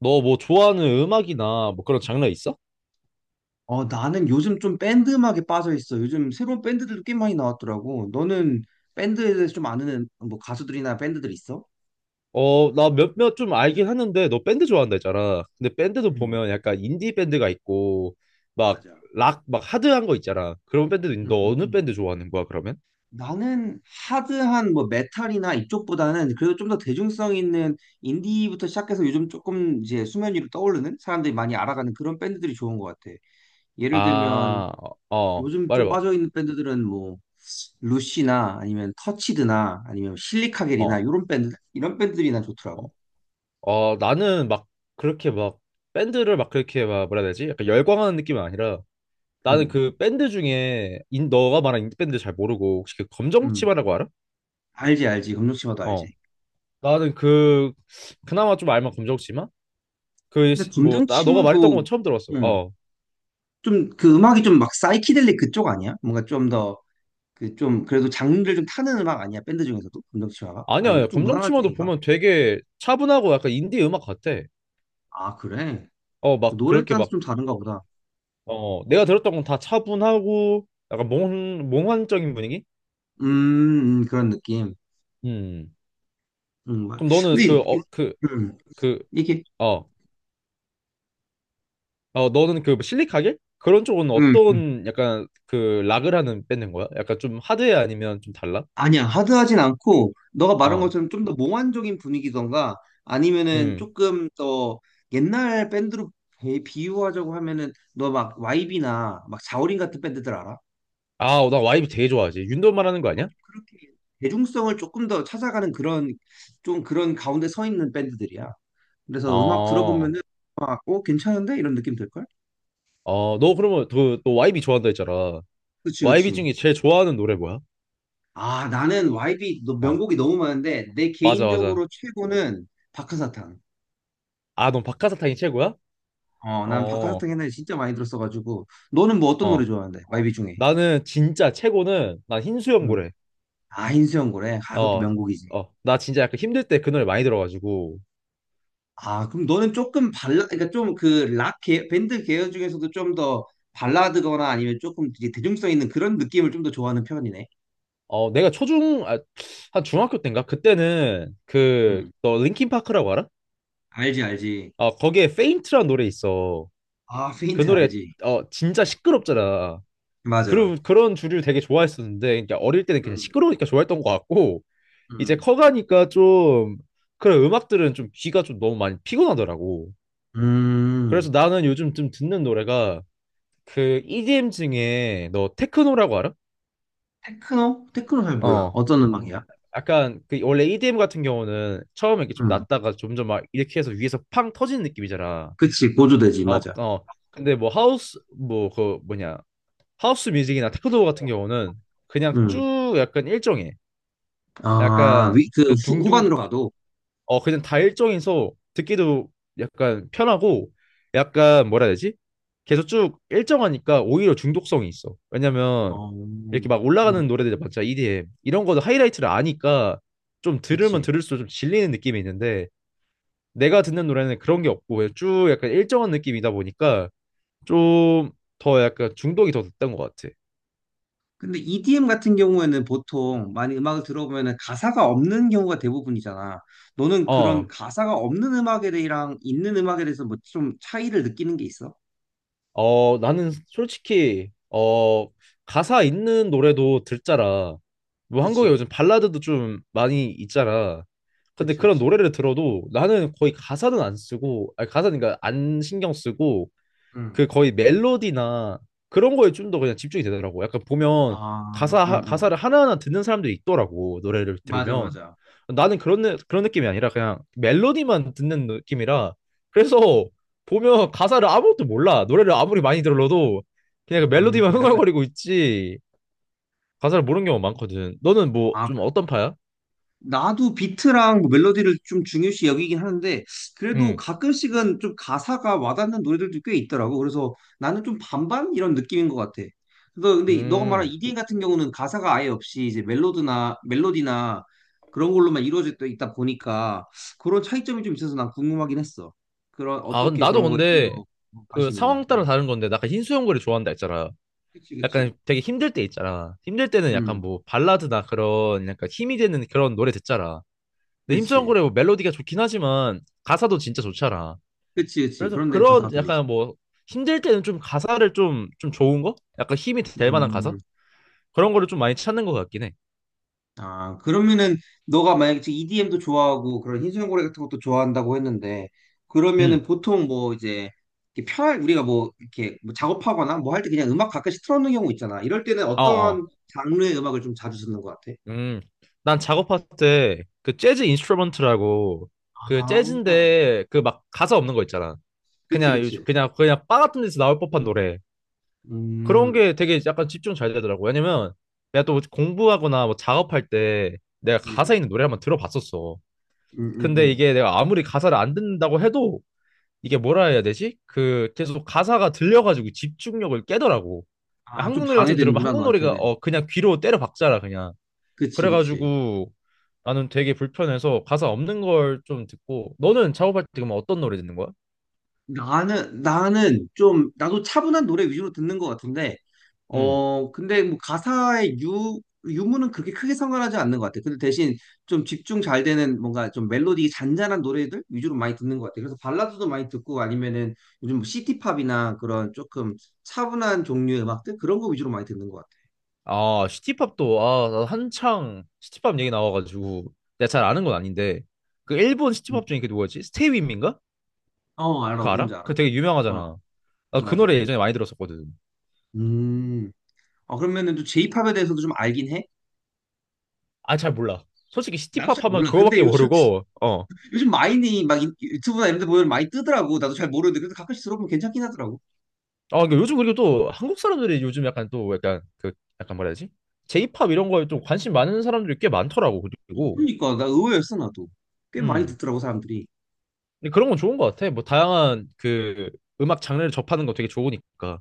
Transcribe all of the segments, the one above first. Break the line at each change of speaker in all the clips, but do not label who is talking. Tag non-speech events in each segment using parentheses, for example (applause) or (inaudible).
너 뭐 좋아하는 음악이나 뭐 그런 장르 있어?
어, 나는 요즘 좀 밴드 음악에 빠져 있어. 요즘 새로운 밴드들도 꽤 많이 나왔더라고. 너는 밴드에 대해서 좀 아는 뭐 가수들이나 밴드들 있어?
어, 나 몇몇 좀 알긴 하는데 너 밴드 좋아한다 했잖아. 근데 밴드도
음,
보면 약간 인디 밴드가 있고 막
맞아.
락, 막 하드한 거 있잖아. 그런 밴드도 있는데
음,
너
음,
어느
음.
밴드 좋아하는 거야, 그러면?
나는 하드한 뭐 메탈이나 이쪽보다는 그래도 좀 더 대중성 있는 인디부터 시작해서 요즘 조금 이제 수면 위로 떠오르는 사람들이 많이 알아가는 그런 밴드들이 좋은 것 같아. 예를 들면
아, 어,
요즘 좀
말해봐.
빠져 있는 밴드들은 뭐 루시나 아니면 터치드나 아니면 실리카겔이나
어,
이런 밴드들이 난
어,
좋더라고.
어, 나는 막 그렇게 막 밴드를 막 그렇게 막 뭐라 해야 되지? 약간 열광하는 느낌은 아니라 나는 그 밴드 중에 너가 말한 인디 밴드 잘 모르고 혹시 그
음,
검정치마라고 알아?
알지, 알지. 검정 치마도 알지.
어. 나는 그 그나마 좀 알만 검정치마?
근데 검정
그뭐나 너가 말했던
치마도,
건 처음 들었어.
음,
어.
좀, 그 음악이 좀 막 사이키델릭 그쪽 아니야? 뭔가 좀 더, 그 좀, 그래도 장르를 좀 타는 음악 아니야? 밴드 중에서도? 검정 치마가?
아니야. 아니야.
아닌가? 좀 무난한
검정치마도
쪽인가?
보면 되게 차분하고 약간 인디 음악 같아.
아, 그래?
어, 막
노래에
그렇게
따라서
막
좀 다른가 보다.
어, 내가 들었던 건 다 차분하고 약간 몽 몽환적인 분위기?
그런 느낌.
음.
음, 막-
그럼 너는
근데,
그
이-
어 그
음,
그
이게,
어. 어, 너는 그 실리카겔? 그런 쪽은
음,
어떤 약간 그 락을 하는 밴드인 거야? 약간 좀 하드해 아니면 좀 달라?
아니야, 하드하진 않고, 너가 말한
어.
것처럼 좀 더 몽환적인 분위기던가, 아니면은
음.
조금 더 옛날 밴드로 비유하자고 하면은, 너 막 YB나 막 자우림 같은 밴드들 알아?
아, 나 와이브 되게 좋아하지. 윤도 말하는 거 아니야?
그렇게 대중성을 조금 더 찾아가는 그런, 좀 그런 가운데 서 있는 밴드들이야. 그래서 음악
어.
들어보면은, 막, 어, 괜찮은데? 이런 느낌 들걸?
어, 너 그러면 그, 너 YB 좋아한다 했잖아.
그치,
YB
그치.
중에 제일 좋아하는 노래 뭐야?
아, 나는 YB
어,
명곡이 너무 많은데, 내
맞아, 맞아.
개인적으로 최고는 박하사탕.
아, 넌 박하사탕이 최고야?
어, 난
어,
박하사탕 옛날에 진짜 많이 들었어가지고. 너는 뭐 어떤 노래
어.
좋아하는데? 마이비 중에.
나는 진짜 최고는, 난
음.
흰수염고래.
아, 흰수염 고래. 아, 그것도
어,
명곡이지.
어. 나 진짜 약간 힘들 때 그 노래 많이 들어가지고.
아, 그럼 너는 조금 발라, 그러니까 좀 그 락 밴드 계열 중에서도 좀 더 발라드거나 아니면 조금 이제 대중성 있는 그런 느낌을 좀 더 좋아하는 편이네.
어, 내가 아, 한 중학교 때인가? 그때는 그,
음.
너 linkin파크라고 알아?
알지, 알지.
어, 거기에 페인트라는 노래 있어.
아,
그
페인트
노래,
알지.
어, 진짜 시끄럽잖아.
맞아.
그런 주류 되게 좋아했었는데, 그러니까 어릴 때는 그냥
음.
시끄러우니까 좋아했던 것 같고, 이제
음.
커가니까 좀 그런 음악들은 좀 귀가 좀 너무 많이 피곤하더라고.
음.
그래서 나는 요즘 좀 듣는 노래가 그 EDM 중에 너 테크노라고 알아?
테크노? 테크노 잘 몰라.
어.
어떤 음악이야?
약간 그 원래 EDM 같은 경우는 처음에 이렇게 좀
음.
낮다가 점점 막 이렇게 해서 위에서 팡 터지는 느낌이잖아.
그치, 고조되지,
어,
맞아.
어. 근데 뭐 하우스 뭐 그 뭐냐 하우스 뮤직이나 테크노 같은 경우는 그냥
음.
쭉 약간 일정해.
아,
약간
위, 그
그냥
후,
둥둥
후반으로 가도.
어 그냥 다 일정해서 듣기도 약간 편하고 약간 뭐라 해야 되지? 계속 쭉 일정하니까 오히려 중독성이 있어. 왜냐면
어,
이렇게 막 올라가는
음,
노래들 많잖아. EDM 이런 거도 하이라이트를 아니까 좀 들으면
그치.
들을수록 좀 질리는 느낌이 있는데 내가 듣는 노래는 그런 게 없고 그냥 쭉 약간 일정한 느낌이다 보니까 좀 더 약간 중독이 더 됐던 것 같아.
근데 EDM 같은 경우에는 보통 많이 음악을 들어보면은 가사가 없는 경우가 대부분이잖아. 너는 그런
어.
가사가 없는 음악에 대해랑 있는 음악에 대해서 뭐 좀 차이를 느끼는 게 있어?
어, 나는 솔직히, 어, 가사 있는 노래도 듣잖아. 뭐 한국에
그치,
요즘 발라드도 좀 많이 있잖아. 근데
그치,
그런
그치.
노래를 들어도 나는 거의 가사는 안 쓰고, 아니, 가사는 그러니까 안 신경 쓰고,
응.
그 거의 멜로디나 그런 거에 좀 더 그냥 집중이 되더라고. 약간 보면
아,
가사
응,
하-
응.
가사를 하나하나 듣는 사람들이 있더라고. 노래를
맞아,
들으면
맞아.
나는 그런 느- 그런 느낌이 아니라 그냥 멜로디만 듣는 느낌이라 그래서 보면 가사를 아무것도 몰라. 노래를 아무리 많이 들어도 그냥 그 멜로디만
그래?
(laughs) 흥얼거리고 있지. 가사를 모르는 경우가 많거든. 너는 뭐
아,
좀 어떤 파야?
나도 비트랑 뭐 멜로디를 좀 중요시 여기긴 하는데 그래도
음.
가끔씩은 좀 가사가 와닿는 노래들도 꽤 있더라고. 그래서 나는 좀 반반 이런 느낌인 것 같아. 그래서 근데 너가 말한
음.
EDM 같은 경우는 가사가 아예 없이 이제 멜로드나 멜로디나 그런 걸로만 이루어져 있다 보니까 그런 차이점이 좀 있어서 난 궁금하긴 했어. 그런
아, 근데
어떻게
나도
그런 거에 좀
근데
더
그
관심 있나?
상황 따라
응.
다른 건데 나 아까 흰수염고래 좋아한다 했잖아.
그치 그치.
약간 되게 힘들 때 있잖아. 힘들 때는 약간
응.
뭐 발라드나 그런 약간 힘이 되는 그런 노래 듣잖아. 근데 힘찬
그치.
노래 뭐 멜로디가 좋긴 하지만 가사도 진짜 좋잖아.
그치 그치.
그래서
그런 데 가사가
그런
들리지.
약간 뭐 힘들 때는 좀 가사를 좀 좋은 거? 약간 힘이 될 만한 가사?
음.
그런 거를 좀 많이 찾는 것 같긴 해.
아, 그러면은 너가 만약에 지금 EDM도 좋아하고 그런 흰수염고래 같은 것도 좋아한다고 했는데 그러면은
음,
보통 뭐 이제 이렇게 편할 우리가 뭐 이렇게 뭐 작업하거나 뭐 할 때 그냥 음악 가끔씩 틀어놓는 경우 있잖아. 이럴 때는
어, 어.
어떤 장르의 음악을 좀 자주 듣는 것 같아?
음, 난 작업할 때 그 재즈 인스트루먼트라고 그
아,
재즈인데 그 막 가사 없는 거 있잖아.
그치,
그냥, 요-
그치.
그냥, 그냥 바 같은 데서 나올 법한 노래. 그런
음,
게 되게 약간 집중 잘 되더라고. 왜냐면 내가 또 공부하거나 뭐 작업할 때 내가
음,
가사 있는 노래 한번 들어봤었어.
음, 음,
근데
음.
이게 내가 아무리 가사를 안 듣는다고 해도 이게 뭐라 해야 되지? 그 계속 가사가 들려가지고 집중력을 깨더라고.
아, 좀
한국 노래 같은 거 들으면
방해되는구나,
한국 노래가
너한테는.
어 그냥 귀로 때려 박잖아 그냥.
그치, 그치.
그래가지고 나는 되게 불편해서 가사 없는 걸 좀 듣고 너는 작업할 때그 어떤 노래 듣는 거야?
나는 좀, 나도 차분한 노래 위주로 듣는 것 같은데,
음.
어, 근데 뭐 가사의 유무는 그렇게 크게 상관하지 않는 것 같아. 근데 대신 좀 집중 잘 되는 뭔가 좀 멜로디 잔잔한 노래들 위주로 많이 듣는 것 같아. 그래서 발라드도 많이 듣고 아니면은 요즘 뭐 시티팝이나 그런 조금 차분한 종류의 음악들 그런 거 위주로 많이 듣는 것 같아.
아, 시티팝도, 아, 나 한창 시티팝 얘기 나와가지고, 내가 잘 아는 건 아닌데, 그 일본
음.
시티팝 중에 그 누구였지? 스테이 윈민가?
어, 알아.
그거
누군지
알아?
알아.
그 되게 유명하잖아.
어,
나 그 노래
맞아.
예전에 많이 들었었거든.
음. 어, 그러면은 또이팝에 대해서도 좀 알긴 해?
아, 잘 몰라. 솔직히
나도
시티팝
잘
하면
몰라. 근데
그거밖에
요즘
모르고, 어.
요즘 마인이 막 유튜브나 이런 데 보면 많이 뜨더라고. 나도 잘 모르는데 그래도 가끔씩 들어보면 괜찮긴 하더라고.
아, 근데 요즘 그리고 또 한국 사람들이 요즘 약간 또 약간 그, 약간 뭐라 해야 지 제이팝 이런 거에 좀 관심 많은 사람들이 꽤 많더라고, 그리고.
그러니까 나 의외였어 나도. 꽤 많이
음.
듣더라고 사람들이.
근데 그런 건 좋은 것 같아. 뭐, 다양한 그 음악 장르를 접하는 거 되게 좋으니까.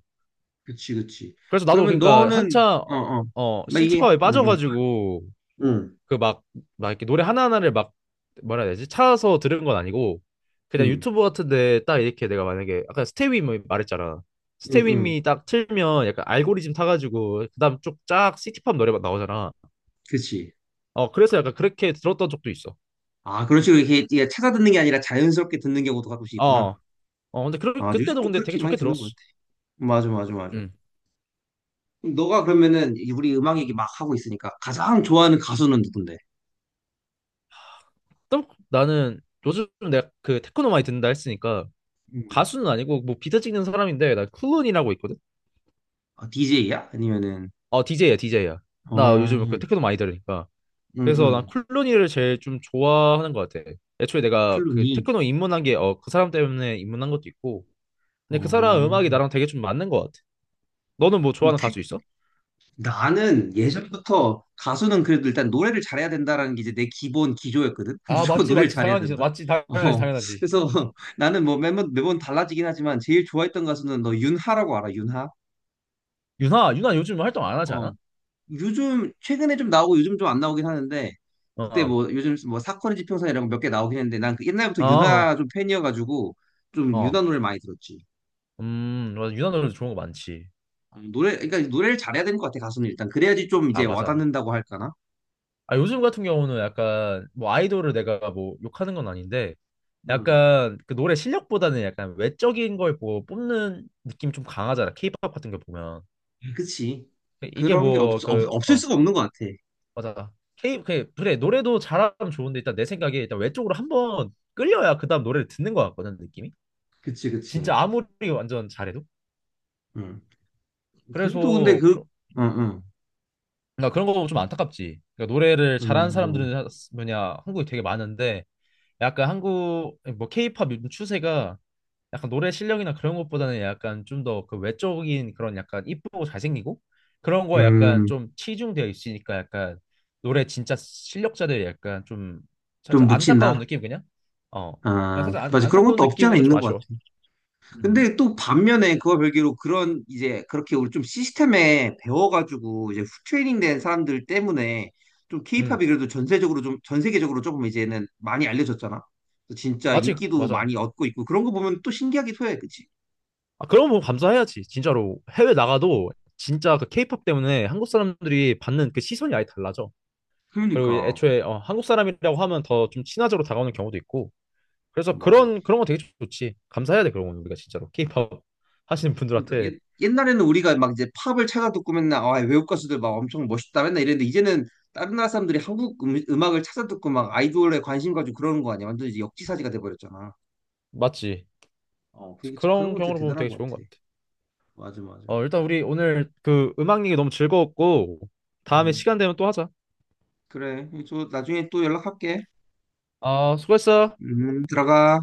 그치 그치.
그래서 나도
그러면
그러니까
너는
한참 어
어어
어,
막 이게
시티팝에
응응
빠져가지고 그 막 이렇게 노래 하나하나를 막 뭐라 해야 되지 찾아서 들은 건 아니고 그냥
응응
유튜브 같은데 딱 이렇게 내가 만약에 아까 스테이 미 말했잖아.
응응
스테이미 딱 틀면 약간 알고리즘 타가지고 그다음 쭉 쫙 시티팝 노래만 나오잖아.
그치.
어 그래서 약간 그렇게 들었던 적도 있어.
아, 그런 식으로 이렇게 이게 찾아 듣는 게 아니라 자연스럽게 듣는 경우도 가끔씩 있구나.
어어 근데 그
아,
그때도
요즘도
근데 되게
그렇게 많이
좋게
듣는 것 같아.
들었어.
맞아 맞아 맞아.
음.
그럼 너가 그러면은 이- 우리 음악 얘기 막 하고 있으니까 가장 좋아하는 가수는 누군데?
또 나는 요즘 내가 그 테크노 많이 듣는다 했으니까
음.
가수는 아니고 뭐 비트 찍는 사람인데 나 클론이라고 있거든.
아, DJ야? 아니면은
어, DJ야, DJ야.
어,
나 요즘 그
응,
테크노 많이 들으니까. 그래서 난
응.
쿨로니를 제일 좀 좋아하는 것 같아. 애초에 내가 그
클루니.
테크노 입문한 게, 어, 그 사람 때문에 입문한 것도 있고. 근데 그 사람 음악이
어.
나랑 되게 좀 맞는 것 같아. 너는 뭐
그럼
좋아하는
태-
가수 있어?
나는 예전부터 가수는 그래도 일단 노래를 잘해야 된다라는 게 이제 내 기본 기조였거든. (laughs)
아,
무조건
맞지,
노래를
맞지.
잘해야
당연히,
된다.
맞지. 당연하지,
어.
당연하지.
그래서 (laughs) 나는 뭐 매번 매번 달라지긴 하지만 제일 좋아했던 가수는 너 윤하라고 알아? 윤하?
유나, 유나 요즘 활동 안 하지
어.
않아?
요즘 최근에 좀 나오고 요즘 좀 안 나오긴 하는데 그때
어,
뭐 요즘 뭐 사건의 지평선 이런 거 몇 개 나오긴 했는데 난그 옛날부터
어, 어.
윤하 좀 팬이어가지고 좀 윤하
어.
노래 를 많이 들었지.
맞아. 유나 노래 좋은 거 많지.
어, 노래, 그러니까 노래를 잘해야 되는 것 같아, 가수는 일단. 그래야지 좀
아,
이제
맞아.
와닿는다고 할까나?
아, 요즘 같은 경우는 약간 뭐 아이돌을 내가 뭐 욕하는 건 아닌데
음,
약간 그 노래 실력보다는 약간 외적인 걸 뭐 뽑는 느낌이 좀 강하잖아. 케이팝 같은 거 보면.
그치.
이게
그런 게 없,
뭐
없,
그
없을
어
수가 없는 것 같아.
맞아. K 그 그래 노래도 잘하면 좋은데 일단 내 생각에 일단 외적으로 한번 끌려야 그다음 노래를 듣는 것 같거든 느낌이.
그치,
진짜
그치.
아무리 완전 잘해도.
음. 그래도 근데
그래서
그,
그런
응, 응.
나 그런 거 좀 안타깝지. 그러니까 노래를 잘하는
음,
사람들은 뭐냐 한국에 되게 많은데 약간 한국 뭐 케이팝 요즘 추세가 약간 노래 실력이나 그런 것보다는 약간 좀 더 그 외적인 그런 약간 이쁘고 잘생기고 그런 거에 약간
음,
좀 치중되어 있으니까 약간 노래 진짜 실력자들 약간 좀
좀
살짝 안타까운
묻힌다.
느낌 그냥 어 그냥
아,
살짝 안,
맞아. 그런
안타까운
것도 없지 않아
느낌이라 좀
있는 것 같아.
아쉬워. 음.
근데 또 반면에 그와 별개로 그런 이제 그렇게 우리 좀 시스템에 배워가지고 이제 트레이닝 된 사람들 때문에 좀
음.
케이팝이 그래도 전세적으로 좀, 전 세계적으로 조금 이제는 많이 알려졌잖아. 그래서 진짜
맞지
인기도
맞아.
많이 얻고 있고 그런 거 보면 또 신기하기도 해. 그치?
아 그런 거 감사해야지 진짜로. 해외 나가도 진짜 그 케이팝 때문에 한국 사람들이 받는 그 시선이 아예 달라져. 그리고
그러니까.
애초에 어, 한국 사람이라고 하면 더 좀 친화적으로 다가오는 경우도 있고 그래서
맞아요.
그런 거 되게 좋지. 감사해야 돼 그런 건 우리가 진짜로. 케이팝 하시는
그러니까
분들한테
옛, 옛날에는 우리가 막 이제 팝을 찾아 듣고 맨날 아, 외국 가수들 막 엄청 멋있다 맨날 이랬는데 이제는 다른 나라 사람들이 한국 악을 찾아 듣고 막 아이돌에 관심 가지고 그러는 거 아니야? 완전 이제 역지사지가 돼버렸잖아.
맞지.
어,
그래서
그게 그런
그런
거 진짜
경우로 보면
대단한
되게
것
좋은 것
같아.
같아.
맞아, 맞아.
어 일단 우리 오늘 그 음악 얘기 너무 즐거웠고 다음에
음.
시간 되면 또 하자.
그래, 저 나중에 또 연락할게.
아 수고했어.
들어가.